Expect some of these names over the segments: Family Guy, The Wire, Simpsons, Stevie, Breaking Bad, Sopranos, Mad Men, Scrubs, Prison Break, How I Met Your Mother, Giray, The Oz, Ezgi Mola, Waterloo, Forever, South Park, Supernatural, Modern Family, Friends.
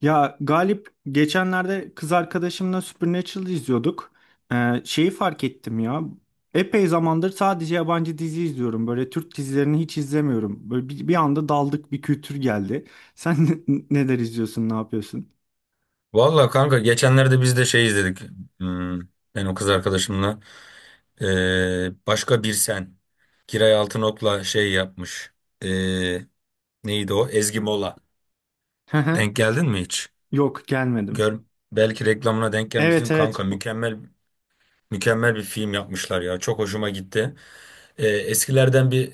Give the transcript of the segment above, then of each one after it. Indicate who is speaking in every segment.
Speaker 1: Ya Galip geçenlerde kız arkadaşımla Supernatural izliyorduk. Şeyi fark ettim ya. Epey zamandır sadece yabancı dizi izliyorum. Böyle Türk dizilerini hiç izlemiyorum. Böyle bir anda daldık bir kültür geldi. Sen neler izliyorsun, ne yapıyorsun?
Speaker 2: Valla kanka geçenlerde biz de şey izledik. Hmm, ben o kız arkadaşımla. Başka bir sen. Kiray Altınok'la şey yapmış. Ee, neydi o? Ezgi Mola.
Speaker 1: Hı hı.
Speaker 2: Denk geldin mi hiç?
Speaker 1: Yok gelmedim.
Speaker 2: Gör, belki reklamına denk
Speaker 1: Evet
Speaker 2: gelmişsin kanka.
Speaker 1: evet.
Speaker 2: Mükemmel mükemmel bir film yapmışlar ya. Çok hoşuma gitti. Eskilerden bir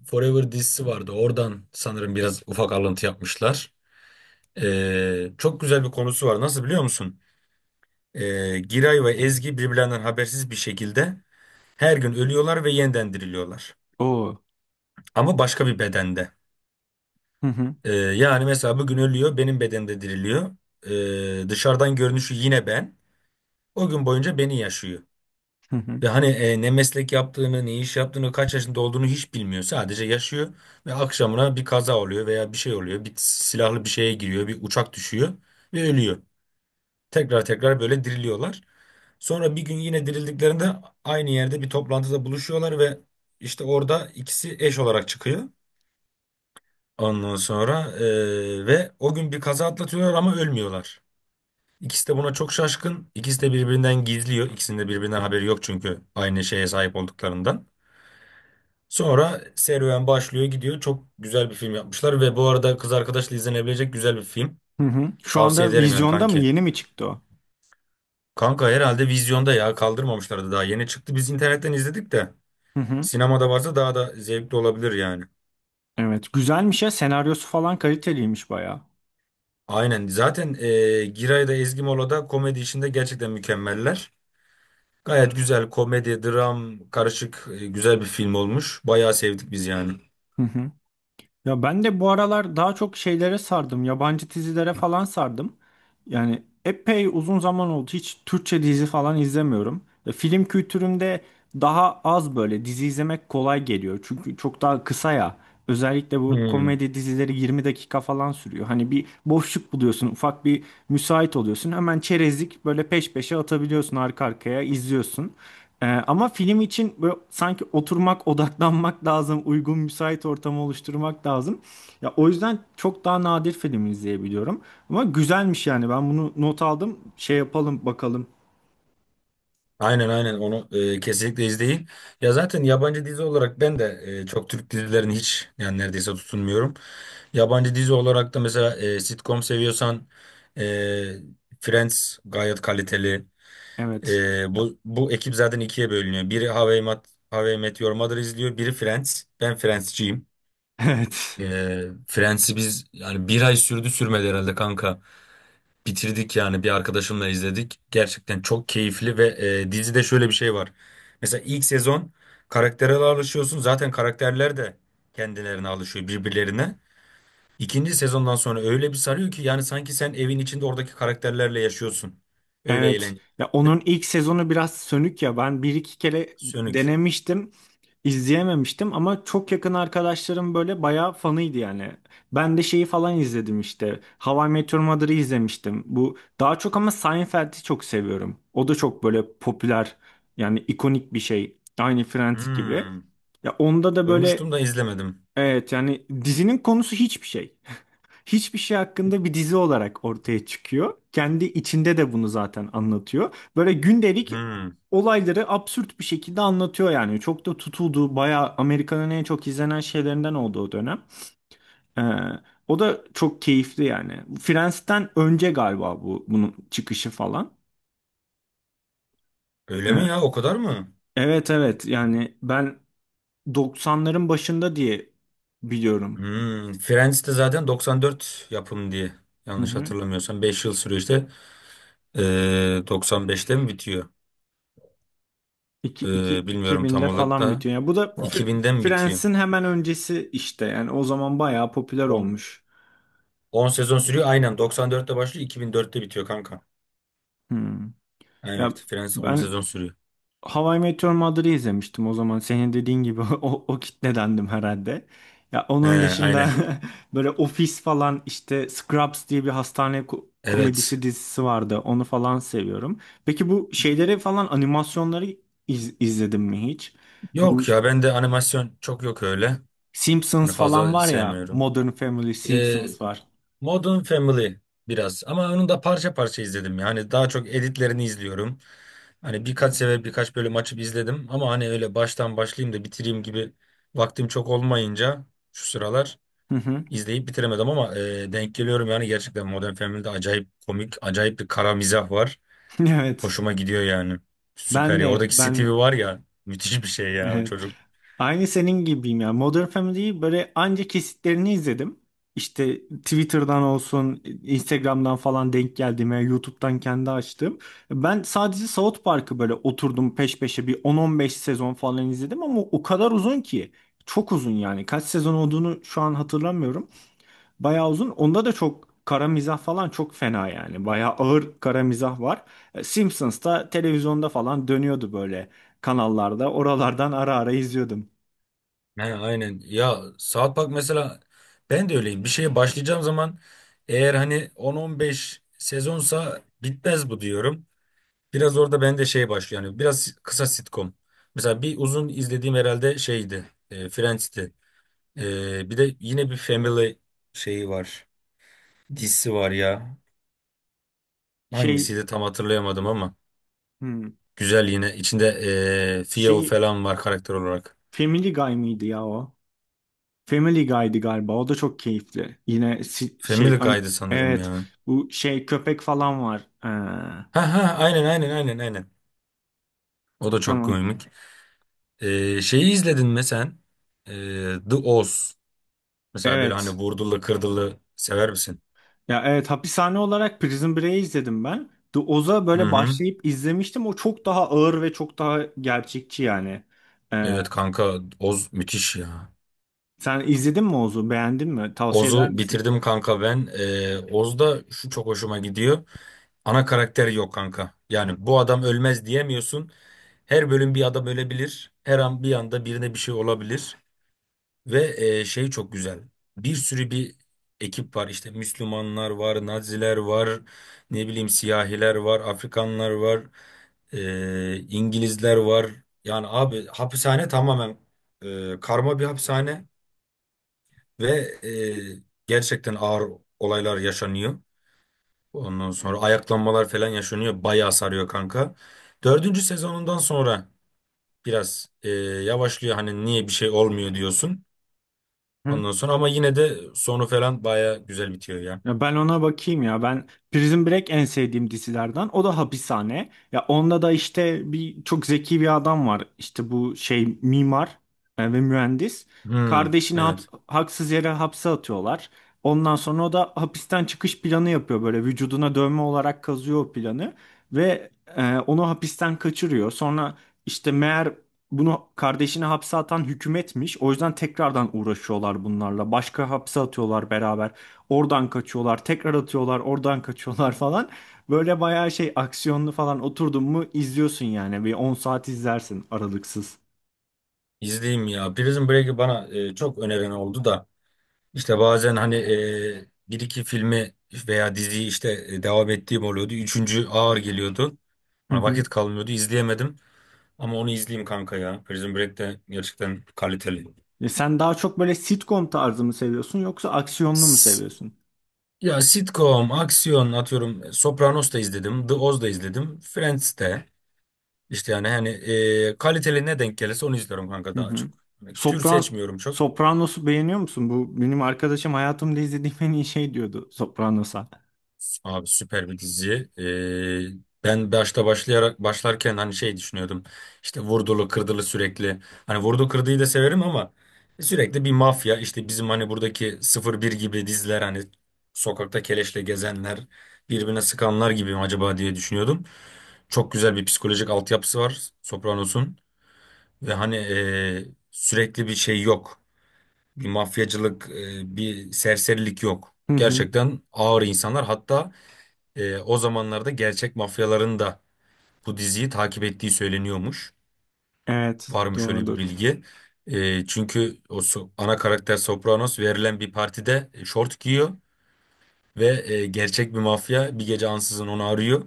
Speaker 2: Forever dizisi vardı. Oradan sanırım biraz ufak alıntı yapmışlar. Çok güzel bir konusu var. Nasıl biliyor musun? Giray ve Ezgi birbirlerinden habersiz bir şekilde her gün ölüyorlar ve yeniden diriliyorlar.
Speaker 1: Oo.
Speaker 2: Ama başka bir bedende.
Speaker 1: Hı hı.
Speaker 2: Yani mesela bugün ölüyor, benim bedende diriliyor. Dışarıdan görünüşü yine ben. O gün boyunca beni yaşıyor.
Speaker 1: Hı hı.
Speaker 2: Ve hani ne meslek yaptığını, ne iş yaptığını, kaç yaşında olduğunu hiç bilmiyor. Sadece yaşıyor ve akşamına bir kaza oluyor veya bir şey oluyor. Bir silahlı bir şeye giriyor, bir uçak düşüyor ve ölüyor. Tekrar tekrar böyle diriliyorlar. Sonra bir gün yine dirildiklerinde aynı yerde bir toplantıda buluşuyorlar ve işte orada ikisi eş olarak çıkıyor. Ondan sonra ve o gün bir kaza atlatıyorlar ama ölmüyorlar. İkisi de buna çok şaşkın. İkisi de birbirinden gizliyor. İkisinin de birbirinden haberi yok çünkü aynı şeye sahip olduklarından. Sonra serüven başlıyor gidiyor. Çok güzel bir film yapmışlar ve bu arada kız arkadaşla izlenebilecek güzel bir film.
Speaker 1: Hı hı. Şu
Speaker 2: Tavsiye
Speaker 1: anda
Speaker 2: ederim yani
Speaker 1: vizyonda mı?
Speaker 2: kanki.
Speaker 1: Yeni mi çıktı o?
Speaker 2: Kanka herhalde vizyonda ya kaldırmamışlardı, daha yeni çıktı. Biz internetten izledik de.
Speaker 1: Hı hı.
Speaker 2: Sinemada varsa daha da zevkli olabilir yani.
Speaker 1: Evet. Güzelmiş ya. Senaryosu falan kaliteliymiş bayağı.
Speaker 2: Aynen. Zaten Giray da Ezgi Mola da komedi işinde gerçekten mükemmeller. Gayet güzel komedi, dram, karışık güzel bir film olmuş. Bayağı sevdik biz yani.
Speaker 1: Ya ben de bu aralar daha çok şeylere sardım. Yabancı dizilere falan sardım. Yani epey uzun zaman oldu. Hiç Türkçe dizi falan izlemiyorum. Ya film kültürümde daha az böyle dizi izlemek kolay geliyor. Çünkü çok daha kısa ya. Özellikle bu
Speaker 2: Hmm.
Speaker 1: komedi dizileri 20 dakika falan sürüyor. Hani bir boşluk buluyorsun, ufak bir müsait oluyorsun. Hemen çerezlik böyle peş peşe atabiliyorsun arka arkaya izliyorsun. Ama film için böyle sanki oturmak, odaklanmak lazım, uygun müsait ortamı oluşturmak lazım. Ya o yüzden çok daha nadir film izleyebiliyorum. Ama güzelmiş yani. Ben bunu not aldım. Şey yapalım bakalım.
Speaker 2: Aynen aynen onu kesinlikle izleyin. Ya zaten yabancı dizi olarak ben de çok Türk dizilerini hiç yani neredeyse tutunmuyorum. Yabancı dizi olarak da mesela sitcom seviyorsan e, Friends gayet kaliteli.
Speaker 1: Evet.
Speaker 2: Bu ekip zaten ikiye bölünüyor. Biri How I Met Your Mother izliyor. Biri Friends. Ben Friends'ciyim.
Speaker 1: Evet.
Speaker 2: Friends'i biz yani bir ay sürdü sürmedi herhalde kanka. Bitirdik yani bir arkadaşımla izledik. Gerçekten çok keyifli ve dizide şöyle bir şey var. Mesela ilk sezon karaktere alışıyorsun. Zaten karakterler de kendilerine alışıyor birbirlerine. İkinci sezondan sonra öyle bir sarıyor ki yani sanki sen evin içinde oradaki karakterlerle yaşıyorsun. Öyle
Speaker 1: Evet.
Speaker 2: eğlenceli.
Speaker 1: Ya onun ilk sezonu biraz sönük ya. Ben bir iki kere
Speaker 2: Sönük.
Speaker 1: denemiştim. İzleyememiştim ama çok yakın arkadaşlarım böyle bayağı fanıydı yani. Ben de şeyi falan izledim işte. How I Met Your Mother'ı izlemiştim. Bu daha çok ama Seinfeld'i çok seviyorum. O da çok böyle popüler yani ikonik bir şey. Aynı Friends gibi.
Speaker 2: Hmm.
Speaker 1: Ya onda da böyle
Speaker 2: Duymuştum da izlemedim.
Speaker 1: evet yani dizinin konusu hiçbir şey hakkında bir dizi olarak ortaya çıkıyor. Kendi içinde de bunu zaten anlatıyor. Böyle gündelik
Speaker 2: Hmm.
Speaker 1: olayları absürt bir şekilde anlatıyor yani. Çok da tutuldu. Bayağı Amerika'nın en çok izlenen şeylerinden oldu o dönem. Ee, O da çok keyifli yani. Friends'ten önce galiba bu bunun çıkışı falan.
Speaker 2: Öyle
Speaker 1: Ee,
Speaker 2: mi ya? O kadar mı?
Speaker 1: evet evet yani ben 90'ların başında diye biliyorum.
Speaker 2: Hmm. Friends de zaten 94 yapım diye.
Speaker 1: Hı
Speaker 2: Yanlış
Speaker 1: hı.
Speaker 2: hatırlamıyorsam 5 yıl sürüyor işte. 95'te mi bitiyor? Bilmiyorum tam
Speaker 1: 2000'de
Speaker 2: olarak
Speaker 1: falan
Speaker 2: da.
Speaker 1: bitiyor. Yani bu da
Speaker 2: 2000'de mi bitiyor?
Speaker 1: Friends'in hemen öncesi işte. Yani o zaman bayağı popüler
Speaker 2: 10,
Speaker 1: olmuş.
Speaker 2: 10 sezon sürüyor. Aynen 94'te başlıyor, 2004'te bitiyor kanka.
Speaker 1: Hmm. Ya
Speaker 2: Evet, Friends 10
Speaker 1: ben
Speaker 2: sezon sürüyor.
Speaker 1: How I Met Your Mother'ı izlemiştim o zaman. Senin dediğin gibi o kitledendim herhalde. Ya
Speaker 2: He,
Speaker 1: onun
Speaker 2: aynen.
Speaker 1: dışında böyle Office falan işte Scrubs diye bir hastane
Speaker 2: Evet.
Speaker 1: komedisi dizisi vardı. Onu falan seviyorum. Peki bu şeyleri falan animasyonları izledin mi hiç? Bu
Speaker 2: Yok ya, ben de animasyon çok yok öyle. Hani
Speaker 1: Simpsons falan
Speaker 2: fazla
Speaker 1: var ya.
Speaker 2: sevmiyorum.
Speaker 1: Modern Family, Simpsons var.
Speaker 2: Modern Family biraz ama onu da parça parça izledim. Yani daha çok editlerini izliyorum. Hani birkaç sefer birkaç bölüm açıp izledim ama hani öyle baştan başlayayım da bitireyim gibi vaktim çok olmayınca şu sıralar
Speaker 1: Hı hı.
Speaker 2: izleyip bitiremedim ama denk geliyorum yani. Gerçekten Modern Family'de acayip komik, acayip bir kara mizah var.
Speaker 1: Evet.
Speaker 2: Hoşuma gidiyor yani. Süper
Speaker 1: Ben
Speaker 2: ya.
Speaker 1: de,
Speaker 2: Oradaki
Speaker 1: ben
Speaker 2: Stevie
Speaker 1: de.
Speaker 2: var ya, müthiş bir şey ya o
Speaker 1: Evet.
Speaker 2: çocuk.
Speaker 1: Aynı senin gibiyim ya. Modern Family'yi böyle anca kesitlerini izledim. İşte Twitter'dan olsun, Instagram'dan falan denk geldiğime, YouTube'dan kendi açtım. Ben sadece South Park'ı böyle oturdum peş peşe bir 10-15 sezon falan izledim ama o kadar uzun ki. Çok uzun yani. Kaç sezon olduğunu şu an hatırlamıyorum. Bayağı uzun. Onda da çok kara mizah falan çok fena yani. Bayağı ağır kara mizah var. Simpsons'ta televizyonda falan dönüyordu böyle kanallarda. Oralardan ara ara izliyordum.
Speaker 2: He, aynen. Ya South Park mesela, ben de öyleyim. Bir şeye başlayacağım zaman eğer hani 10-15 sezonsa bitmez bu diyorum. Biraz orada ben de şey başlıyor. Yani biraz kısa sitcom. Mesela bir uzun izlediğim herhalde şeydi. Friends'ti. Bir de yine bir Family şeyi var. Dizisi var ya.
Speaker 1: Şey
Speaker 2: Hangisiydi tam hatırlayamadım ama.
Speaker 1: hmm,
Speaker 2: Güzel yine. İçinde Theo
Speaker 1: şey
Speaker 2: falan var karakter olarak.
Speaker 1: Family Guy mıydı ya o? Family Guy'di galiba. O da çok keyifli. Yine
Speaker 2: Family Guy'dı sanırım
Speaker 1: evet
Speaker 2: ya.
Speaker 1: bu şey köpek falan var.
Speaker 2: Ha ha, aynen aynen aynen aynen. O da çok
Speaker 1: Tamam.
Speaker 2: komik. Şeyi izledin mi sen? Ee, The Oz. Mesela böyle hani
Speaker 1: Evet.
Speaker 2: vurdulu kırdılı sever misin?
Speaker 1: Ya evet hapishane olarak Prison Break'i izledim ben. The Oz'a
Speaker 2: Hı
Speaker 1: böyle
Speaker 2: hı.
Speaker 1: başlayıp izlemiştim. O çok daha ağır ve çok daha gerçekçi yani. Ee,
Speaker 2: Evet kanka, Oz müthiş ya.
Speaker 1: Sen izledin mi Oz'u? Beğendin mi? Tavsiye eder
Speaker 2: Oz'u
Speaker 1: misin?
Speaker 2: bitirdim kanka ben. Oz'da şu çok hoşuma gidiyor. Ana karakter yok kanka. Yani bu adam ölmez diyemiyorsun. Her bölüm bir adam ölebilir. Her an bir anda birine bir şey olabilir. Ve şey çok güzel. Bir sürü ekip var. İşte Müslümanlar var, Naziler var, ne bileyim siyahiler var, Afrikanlar var, İngilizler var. Yani abi hapishane tamamen karma bir hapishane ve gerçekten ağır olaylar yaşanıyor. Ondan sonra ayaklanmalar falan yaşanıyor. Bayağı sarıyor kanka. Dördüncü sezonundan sonra biraz yavaşlıyor. Hani niye bir şey olmuyor diyorsun. Ondan sonra ama yine de sonu falan baya güzel bitiyor ya.
Speaker 1: Ya ben ona bakayım ya. Ben Prison Break en sevdiğim dizilerden. O da hapishane. Ya onda da işte bir çok zeki bir adam var. İşte bu şey mimar ve mühendis.
Speaker 2: Hmm,
Speaker 1: Kardeşini
Speaker 2: evet.
Speaker 1: haksız yere hapse atıyorlar. Ondan sonra o da hapisten çıkış planı yapıyor böyle vücuduna dövme olarak kazıyor o planı ve onu hapisten kaçırıyor. Sonra işte meğer bunu kardeşini hapse atan hükümetmiş. O yüzden tekrardan uğraşıyorlar bunlarla. Başka hapse atıyorlar beraber. Oradan kaçıyorlar, tekrar atıyorlar, oradan kaçıyorlar falan. Böyle bayağı şey aksiyonlu falan oturdun mu izliyorsun yani. Bir 10 saat izlersin aralıksız.
Speaker 2: İzleyeyim ya. Prison Break'i bana çok öneren oldu da işte bazen hani bir iki filmi veya diziyi işte devam ettiğim oluyordu. Üçüncü ağır geliyordu.
Speaker 1: Hı
Speaker 2: Bana
Speaker 1: hı.
Speaker 2: vakit kalmıyordu. İzleyemedim. Ama onu izleyeyim kanka ya. Prison Break de gerçekten kaliteli.
Speaker 1: E sen daha çok böyle sitcom tarzı mı seviyorsun yoksa aksiyonlu mu
Speaker 2: S-
Speaker 1: seviyorsun?
Speaker 2: Ya sitcom, aksiyon atıyorum. Sopranos da izledim. The Oz da izledim. Friends de. İşte yani hani kaliteli ne denk gelirse onu izliyorum kanka
Speaker 1: Hı
Speaker 2: daha
Speaker 1: hı.
Speaker 2: çok. Hani tür
Speaker 1: Sopran
Speaker 2: seçmiyorum çok.
Speaker 1: Sopranos'u beğeniyor musun? Bu benim arkadaşım hayatımda izlediğim en iyi şey diyordu Sopranos'a.
Speaker 2: Abi süper bir dizi. Ben başta başlayarak başlarken hani şey düşünüyordum. İşte vurdulu kırdılı sürekli. Hani vurdu kırdıyı da severim ama sürekli bir mafya işte, bizim hani buradaki sıfır bir gibi diziler hani sokakta keleşle gezenler, birbirine sıkanlar gibi mi acaba diye düşünüyordum. Çok güzel bir psikolojik altyapısı var Sopranos'un ve hani sürekli bir şey yok. Bir mafyacılık, bir serserilik yok.
Speaker 1: Hı hı.
Speaker 2: Gerçekten ağır insanlar. Hatta o zamanlarda gerçek mafyaların da bu diziyi takip ettiği söyleniyormuş.
Speaker 1: Evet,
Speaker 2: Var mı şöyle bir
Speaker 1: doğrudur.
Speaker 2: bilgi? Çünkü o ana karakter Sopranos verilen bir partide şort giyiyor ve gerçek bir mafya bir gece ansızın onu arıyor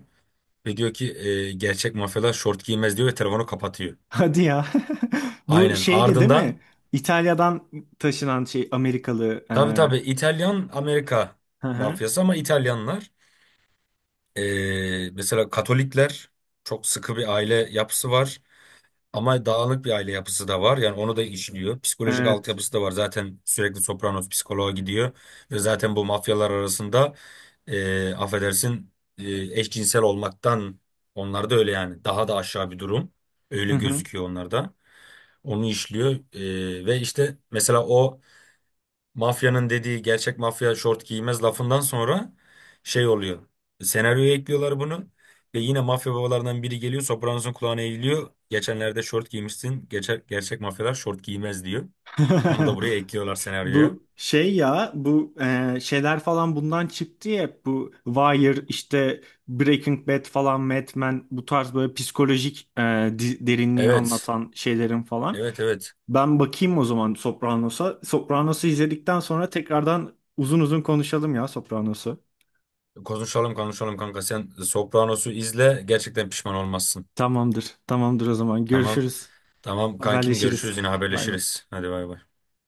Speaker 2: ve diyor ki gerçek mafyalar şort giymez diyor ve telefonu kapatıyor.
Speaker 1: Hadi ya. Bu
Speaker 2: Aynen.
Speaker 1: şeydi değil mi?
Speaker 2: Ardından
Speaker 1: İtalya'dan taşınan şey Amerikalı.
Speaker 2: tabii tabii İtalyan Amerika
Speaker 1: Hı hı.
Speaker 2: mafyası ama İtalyanlar. Mesela Katolikler çok sıkı bir aile yapısı var ama dağınık bir aile yapısı da var. Yani onu da işliyor. Psikolojik
Speaker 1: Evet.
Speaker 2: altyapısı da var. Zaten sürekli Sopranos psikoloğa gidiyor ve zaten bu mafyalar arasında affedersin, e, eşcinsel olmaktan, onlar da öyle yani daha da aşağı bir durum.
Speaker 1: Hı
Speaker 2: Öyle
Speaker 1: hı.
Speaker 2: gözüküyor onlarda. Onu işliyor. Ve işte mesela o mafyanın dediği gerçek mafya şort giymez lafından sonra şey oluyor. Senaryoya ekliyorlar bunu. Ve yine mafya babalarından biri geliyor. Sopranos'un kulağına eğiliyor. Geçenlerde şort giymişsin. Gerçek, gerçek mafyalar şort giymez diyor. Onu da buraya ekliyorlar senaryoya.
Speaker 1: Bu şey ya bu şeyler falan bundan çıktı ya bu Wire işte Breaking Bad falan Mad Men bu tarz böyle psikolojik derinliği
Speaker 2: Evet.
Speaker 1: anlatan şeylerin falan.
Speaker 2: Evet evet.
Speaker 1: Ben bakayım o zaman Sopranos'a. Sopranos'u izledikten sonra tekrardan uzun uzun konuşalım ya Sopranos'u.
Speaker 2: Konuşalım konuşalım kanka. Sen Sopranos'u izle. Gerçekten pişman olmazsın.
Speaker 1: Tamamdır. Tamamdır o zaman.
Speaker 2: Tamam.
Speaker 1: Görüşürüz.
Speaker 2: Tamam kankim,
Speaker 1: Haberleşiriz.
Speaker 2: görüşürüz, yine
Speaker 1: Bay bay.
Speaker 2: haberleşiriz. Hadi bay bay.